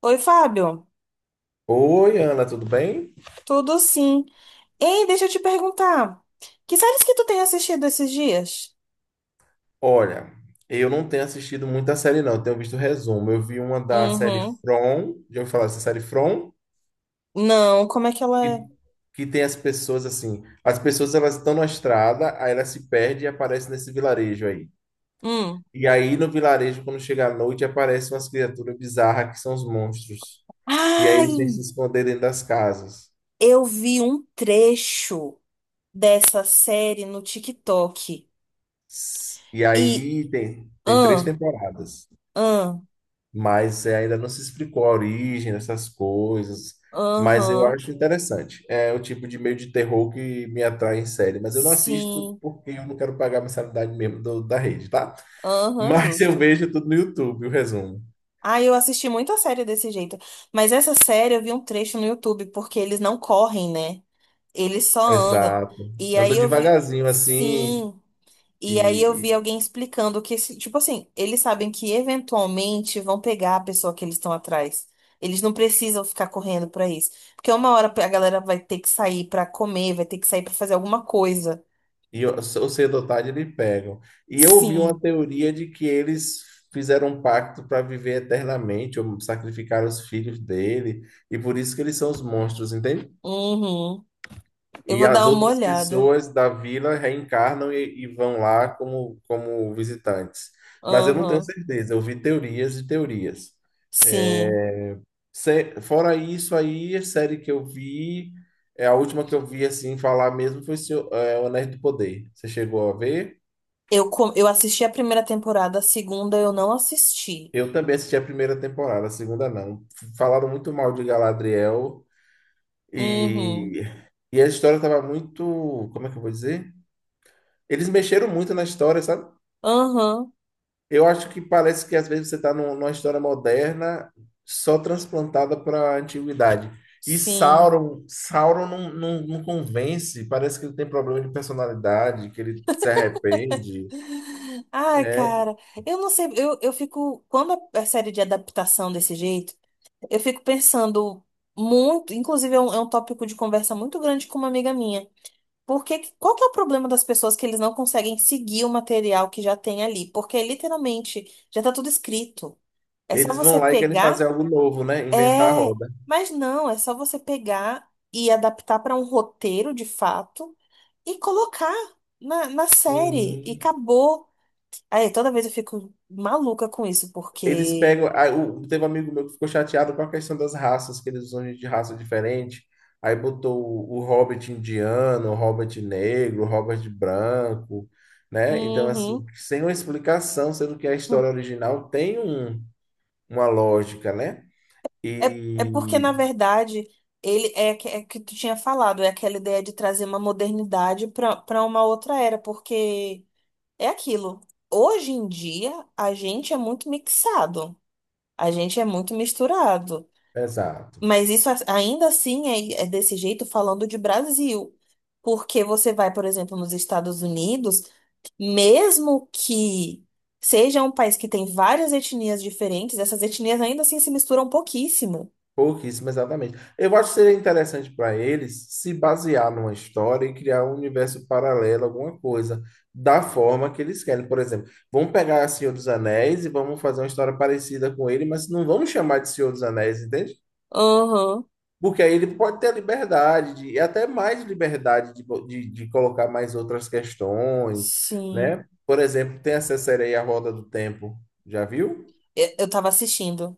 Oi, Fábio. Oi, Ana, tudo bem? Tudo sim. Ei, deixa eu te perguntar. Que séries que tu tem assistido esses dias? Olha, eu não tenho assistido muita série, não. Eu tenho visto resumo. Eu vi uma da série Uhum. From, já ouviu falar dessa série From? Não, como é que ela é? Que, que tem as pessoas assim. As pessoas elas estão na estrada, aí elas se perdem e aparecem nesse vilarejo aí. Hum. E aí no vilarejo, quando chega a noite, aparecem umas criaturas bizarras que são os monstros. E aí eles têm que se Ai, esconder dentro das casas. eu vi um trecho dessa série no TikTok. E E, aí tem três ah, temporadas. ah, Mas é, ainda não se explicou a origem dessas coisas. Mas eu aham, acho interessante. É o tipo de meio de terror que me atrai em série, mas eu não assisto sim, porque eu não quero pagar a mensalidade mesmo da rede, tá? aham, Mas eu justo. vejo tudo no YouTube, o resumo. Ah, eu assisti muita série desse jeito. Mas essa série eu vi um trecho no YouTube, porque eles não correm, né? Eles só andam. Exato. E Ando aí eu vi. devagarzinho assim Sim. E aí eu vi e, alguém explicando que, tipo assim, eles sabem que eventualmente vão pegar a pessoa que eles estão atrás. Eles não precisam ficar correndo pra isso. Porque uma hora a galera vai ter que sair pra comer, vai ter que sair pra fazer alguma coisa. Ou cedo ou tarde eles pegam. E eu ouvi Sim. uma teoria de que eles fizeram um pacto para viver eternamente, ou sacrificaram os filhos dele, e por isso que eles são os monstros, entende? Uhum. Eu E vou as dar uma outras olhada. pessoas da vila reencarnam e vão lá como visitantes. Mas eu não tenho Uhum. certeza, eu vi teorias e teorias. É, Sim. Fora isso aí, a série que eu vi, é a última que eu vi assim falar mesmo foi O Anéis do Poder. Você chegou a ver? Eu assisti a primeira temporada, a segunda eu não assisti. Eu também assisti a primeira temporada, a segunda não. Falaram muito mal de Galadriel Uhum. e, e a história estava muito, como é que eu vou dizer? Eles mexeram muito na história, sabe? Aham. Eu acho que parece que às vezes você está numa história moderna só transplantada para a antiguidade. E Sim. Sauron não, não, não convence, parece que ele tem problema de personalidade, que ele se arrepende. Ai, É, cara, eu não sei, eu fico, quando a série de adaptação desse jeito, eu fico pensando muito, inclusive é um tópico de conversa muito grande com uma amiga minha. Porque qual que é o problema das pessoas que eles não conseguem seguir o material que já tem ali? Porque literalmente já tá tudo escrito. É só eles vão você lá e querem fazer pegar, algo novo, né? Inventar a é, roda. mas não, é só você pegar e adaptar para um roteiro de fato e colocar na série e Sim. acabou. Aí toda vez eu fico maluca com isso, Eles porque. pegam. Aí, teve um amigo meu que ficou chateado com a questão das raças, que eles usam gente de raça diferente. Aí botou o Hobbit indiano, o Hobbit negro, o Hobbit branco, né? Então, assim, Uhum. sem uma explicação, sendo que a história original tem uma lógica, né? É porque, na E. verdade, é que tu tinha falado, é aquela ideia de trazer uma modernidade para para uma outra era, porque é aquilo. Hoje em dia, a gente é muito mixado, a gente é muito misturado. Exato. Mas isso ainda assim é desse jeito falando de Brasil. Porque você vai, por exemplo, nos Estados Unidos, mesmo que seja um país que tem várias etnias diferentes, essas etnias ainda assim se misturam pouquíssimo. Pouquíssimo, exatamente. Eu acho que seria interessante para eles se basear numa história e criar um universo paralelo, alguma coisa, da forma que eles querem. Por exemplo, vamos pegar Senhor dos Anéis e vamos fazer uma história parecida com ele, mas não vamos chamar de Senhor dos Anéis, entende? Aham, Porque aí ele pode ter a liberdade, de, e até mais liberdade de, de colocar mais outras questões, sim. né? Por exemplo, tem essa série aí, A Roda do Tempo, já viu? Eu tava assistindo.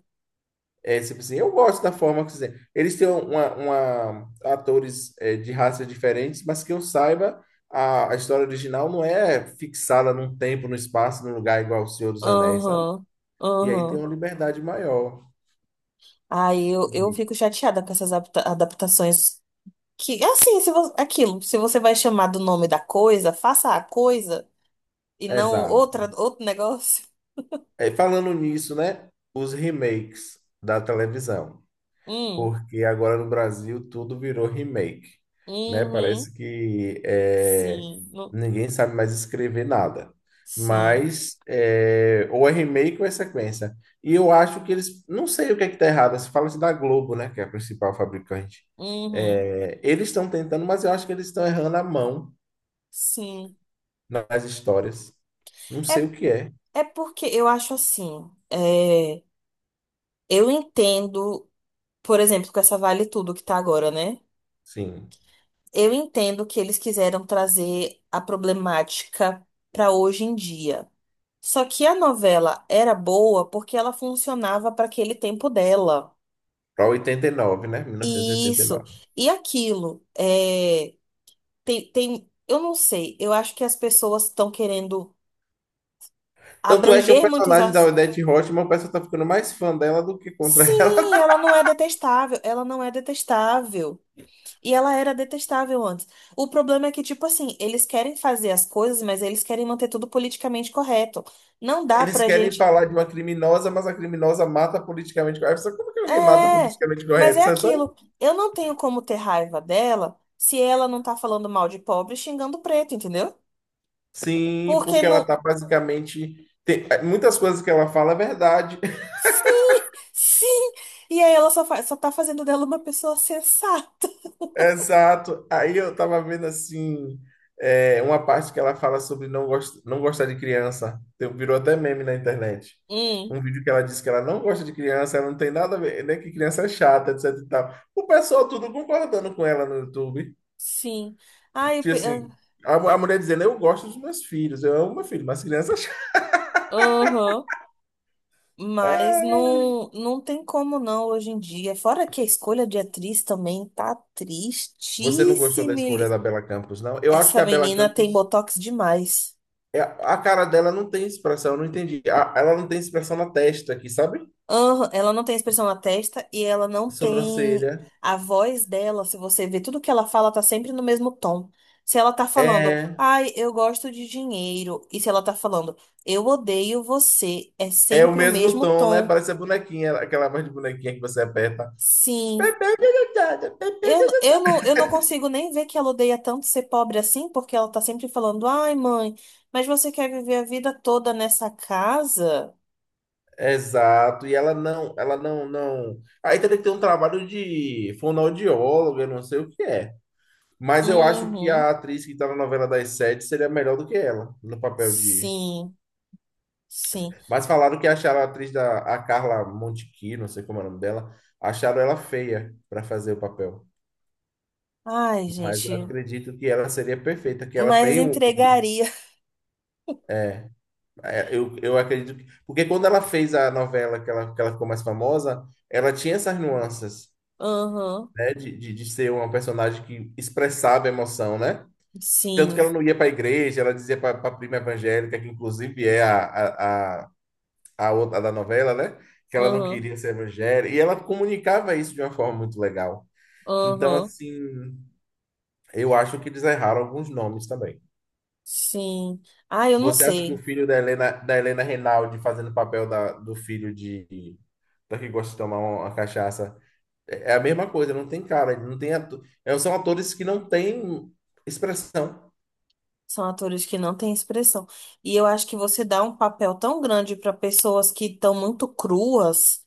É, tipo assim, eu gosto da forma que fizeram. Eles têm uma, atores, de raças diferentes, mas que eu saiba, a história original não é fixada num tempo, num espaço, num lugar igual ao Senhor dos Anéis, sabe? Aham, E aí tem aham. uma liberdade maior. Aí eu fico chateada com essas adaptações. Que, assim, se você, aquilo, se você vai chamar do nome da coisa, faça a coisa e não Exato. outra, outro negócio. É, falando nisso, né? Os remakes da televisão. Hum, Porque agora no Brasil tudo virou remake, né? uhum, Parece que sim, ninguém sabe mais escrever nada. sim, Mas é, ou é remake ou é sequência. E eu acho que eles, não sei o que é que tá errado. Se fala-se da Globo, né? Que é a principal fabricante. uhum, É, eles estão tentando, mas eu acho que eles estão errando a mão sim. nas histórias. Não sei É, o que é. É porque eu acho assim, é, eu entendo, por exemplo, com essa Vale Tudo que tá agora, né? Sim, Eu entendo que eles quiseram trazer a problemática pra hoje em dia. Só que a novela era boa porque ela funcionava para aquele tempo dela. para 89, né? E isso. 1989. E aquilo. É, tem, eu não sei. Eu acho que as pessoas estão querendo Tanto é que o abranger muitos personagem da assuntos. Odette Roitman, o pessoal tá ficando mais fã dela do que contra ela. Sim, ela não é detestável. Ela não é detestável. E ela era detestável antes. O problema é que, tipo assim, eles querem fazer as coisas, mas eles querem manter tudo politicamente correto. Não dá Eles pra querem gente. falar de uma criminosa, mas a criminosa mata politicamente correto. Sabe como que alguém mata É, politicamente mas é correto? Sabe? Sabe? aquilo. Eu não tenho como ter raiva dela se ela não tá falando mal de pobre e xingando preto, entendeu? Sim, Porque porque ela não. tá basicamente. Muitas coisas que ela fala é verdade. Sim, sim. E aí ela só tá fazendo dela uma pessoa sensata. Exato. Aí eu tava vendo assim, uma parte que ela fala sobre não gostar de criança. Virou até meme na internet. Hum, Um vídeo que ela disse que ela não gosta de criança, ela não tem nada a ver, né? Que criança é chata, etc e tal. O pessoal tudo concordando com ela no YouTube. sim. Ai, eu. Tipo pe- ah, assim, a mulher dizendo, eu gosto dos meus filhos, eu amo meu filho, mas criança é chata. Aham. Mas Ah, não, não tem como não hoje em dia. Fora que a escolha de atriz também tá você não gostou da tristíssima. escolha da Bela Campos, não? Eu acho que Essa a Bela menina tem Campos, botox demais. A cara dela não tem expressão, eu não entendi. Ela não tem expressão na testa aqui, sabe? Aham, ela não tem expressão na testa e ela não tem Sobrancelha. a voz dela. Se você ver tudo que ela fala, tá sempre no mesmo tom. Se ela tá falando, É. ai, eu gosto de dinheiro, e se ela tá falando, eu odeio você, é É o sempre o mesmo mesmo tom, né? tom. Parece a bonequinha, aquela voz de bonequinha que você aperta. Sim. Eu, não, eu não consigo nem ver que ela odeia tanto ser pobre assim, porque ela tá sempre falando, ai, mãe, mas você quer viver a vida toda nessa casa? Exato. E ela não, não. Aí teria que ter um trabalho de fonoaudióloga, eu não sei o que é. Mas eu acho que a Uhum. atriz que tá na novela das sete seria melhor do que ela, no papel de. Sim, sim. Mas falaram que acharam a atriz da a Carla Montequi, não sei como é o nome dela, acharam ela feia para fazer o papel. Ai, Mas eu gente, acredito que ela seria perfeita, que ela mas tem um. entregaria. É, eu acredito que. Porque quando ela fez a novela que ela ficou mais famosa, ela tinha essas nuances, Uhum. né? De ser uma personagem que expressava emoção, né? Tanto que Sim. ela não ia para a igreja, ela dizia para a prima evangélica, que inclusive é a, a, a outra da novela, né? Que ela não Uhum. queria ser evangélica. E ela comunicava isso de uma forma muito legal. Então, Uhum. assim, eu acho que eles erraram alguns nomes também. Sim. Ah, eu não Você acha que o sei. filho da Helena Reinaldi fazendo o papel do filho de da que gosta de tomar uma cachaça é a mesma coisa, não tem cara, não tem são atores que não têm expressão. São atores que não têm expressão. E eu acho que você dá um papel tão grande para pessoas que estão muito cruas.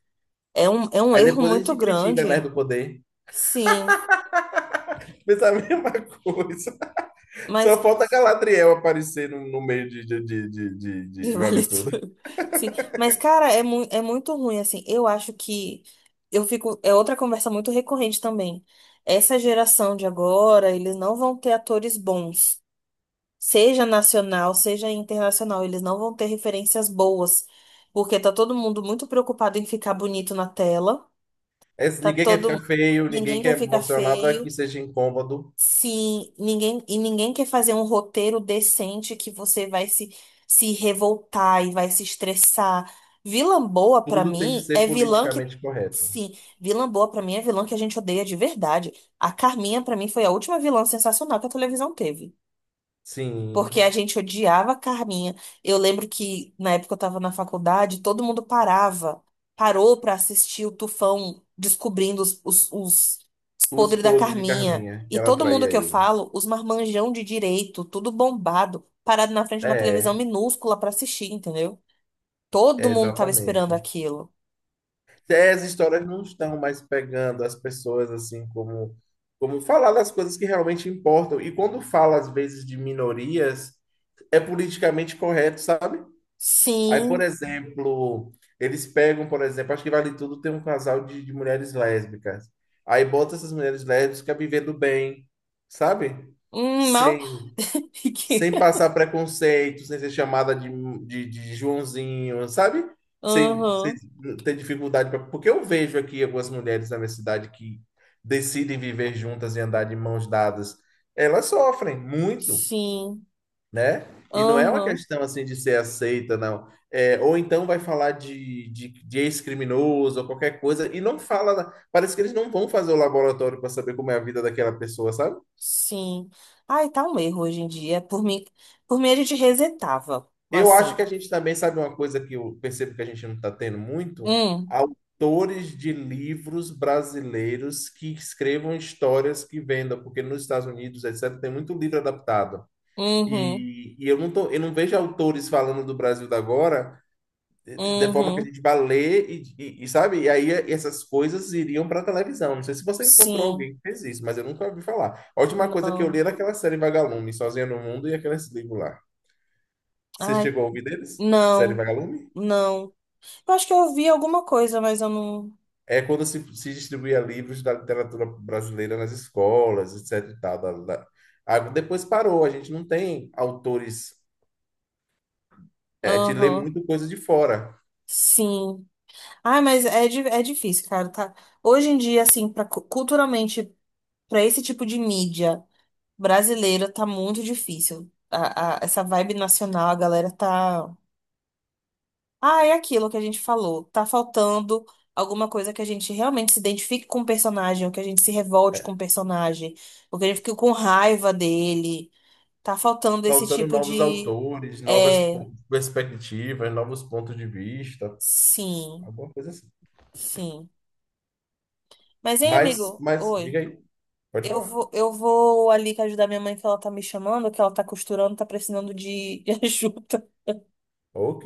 É um Aí erro depois a muito gente critica, né, grande. do poder. Sim, Mas é a mesma coisa. Só mas falta Galadriel aparecer no meio de, de, de, de, de, de vale vale tudo. tudo. Sim, mas cara, é, mu é muito ruim assim. Eu acho que eu fico é outra conversa muito recorrente também. Essa geração de agora, eles não vão ter atores bons, seja nacional, seja internacional, eles não vão ter referências boas, porque tá todo mundo muito preocupado em ficar bonito na tela, É, tá ninguém quer ficar todo feio, ninguém ninguém quer quer ficar mostrar nada que feio. seja incômodo. Sim, ninguém, e ninguém quer fazer um roteiro decente que você vai se revoltar e vai se estressar. Vilã boa pra Tudo tem que mim ser é vilã que. politicamente correto. Sim, vilã boa pra mim é vilã que a gente odeia de verdade. A Carminha pra mim foi a última vilã sensacional que a televisão teve. Porque Sim. a gente odiava a Carminha. Eu lembro que na época eu tava na faculdade, todo mundo parava, parou pra assistir o Tufão descobrindo os Os podres da podres de Carminha. Carminha, que E ela todo mundo traía que eu ele. falo, os marmanjão de direito, tudo bombado, parado na frente de uma É, televisão minúscula pra assistir, entendeu? Todo é mundo tava esperando exatamente. aquilo. As histórias não estão mais pegando as pessoas assim como falar das coisas que realmente importam. E quando fala às vezes de minorias, é politicamente correto, sabe? Aí, por Sim. exemplo, eles pegam, por exemplo, acho que Vale Tudo tem um casal de mulheres lésbicas. Aí bota essas mulheres lésbicas vivendo bem, sabe? Mal. Sem sem passar preconceito, sem ser chamada de Joãozinho, sabe? Sem Aham. ter dificuldade. Porque eu vejo aqui algumas mulheres na minha cidade que decidem viver juntas e andar de mãos dadas. Elas sofrem muito, Sim. né? E não é uma Aham. questão assim de ser aceita, não. Ou então vai falar de ex-criminoso ou qualquer coisa e não fala. Parece que eles não vão fazer o laboratório para saber como é a vida daquela pessoa, sabe? Sim. Ai, tá um erro hoje em dia. Por mim a gente resetava. Eu acho que Assim. a gente também sabe uma coisa que eu percebo que a gente não está tendo muito, Hum, autores de livros brasileiros que escrevam histórias que vendam, porque nos Estados Unidos, etc., tem muito livro adaptado. uhum, E eu não tô, eu não vejo autores falando do Brasil da agora de forma que a uhum. gente vá ler e, sabe? E aí essas coisas iriam para televisão. Não sei se você encontrou Sim, alguém que fez isso, mas eu nunca ouvi falar. A última coisa que eu li não. era aquela série Vagalume, Sozinha no Mundo e aqueles livros lá. Você Ai, chegou a ouvir deles? Série não, Vagalume? não. Eu acho que eu ouvi alguma coisa, mas eu não. É quando se distribuía livros da literatura brasileira nas escolas, etc. e tal, Ah, depois parou, a gente não tem autores, a gente lê Aham. muito coisa de fora. Sim. Ai, mas é difícil, cara, tá? Hoje em dia, assim, pra, culturalmente, pra esse tipo de mídia brasileira, tá muito difícil. Essa vibe nacional, a galera tá. Ah, é aquilo que a gente falou. Tá faltando alguma coisa que a gente realmente se identifique com o personagem, ou que a gente se revolte com É, o personagem, ou que a gente fique com raiva dele. Tá faltando esse Faltando tipo novos de. autores, novas É, perspectivas, novos pontos de vista, sim, alguma coisa assim. sim. Mas, hein, Mas, amigo? mas, Oi. diga aí, pode Eu falar. vou, eu vou ali que ajudar minha mãe, que ela tá me chamando, que ela tá costurando, tá precisando de de ajuda. Ok.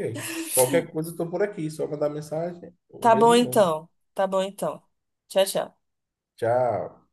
Qualquer coisa, eu estou por aqui, só mandar mensagem, o Tá bom mesmo nome. então. Tá bom então. Tchau, tchau. Tchau.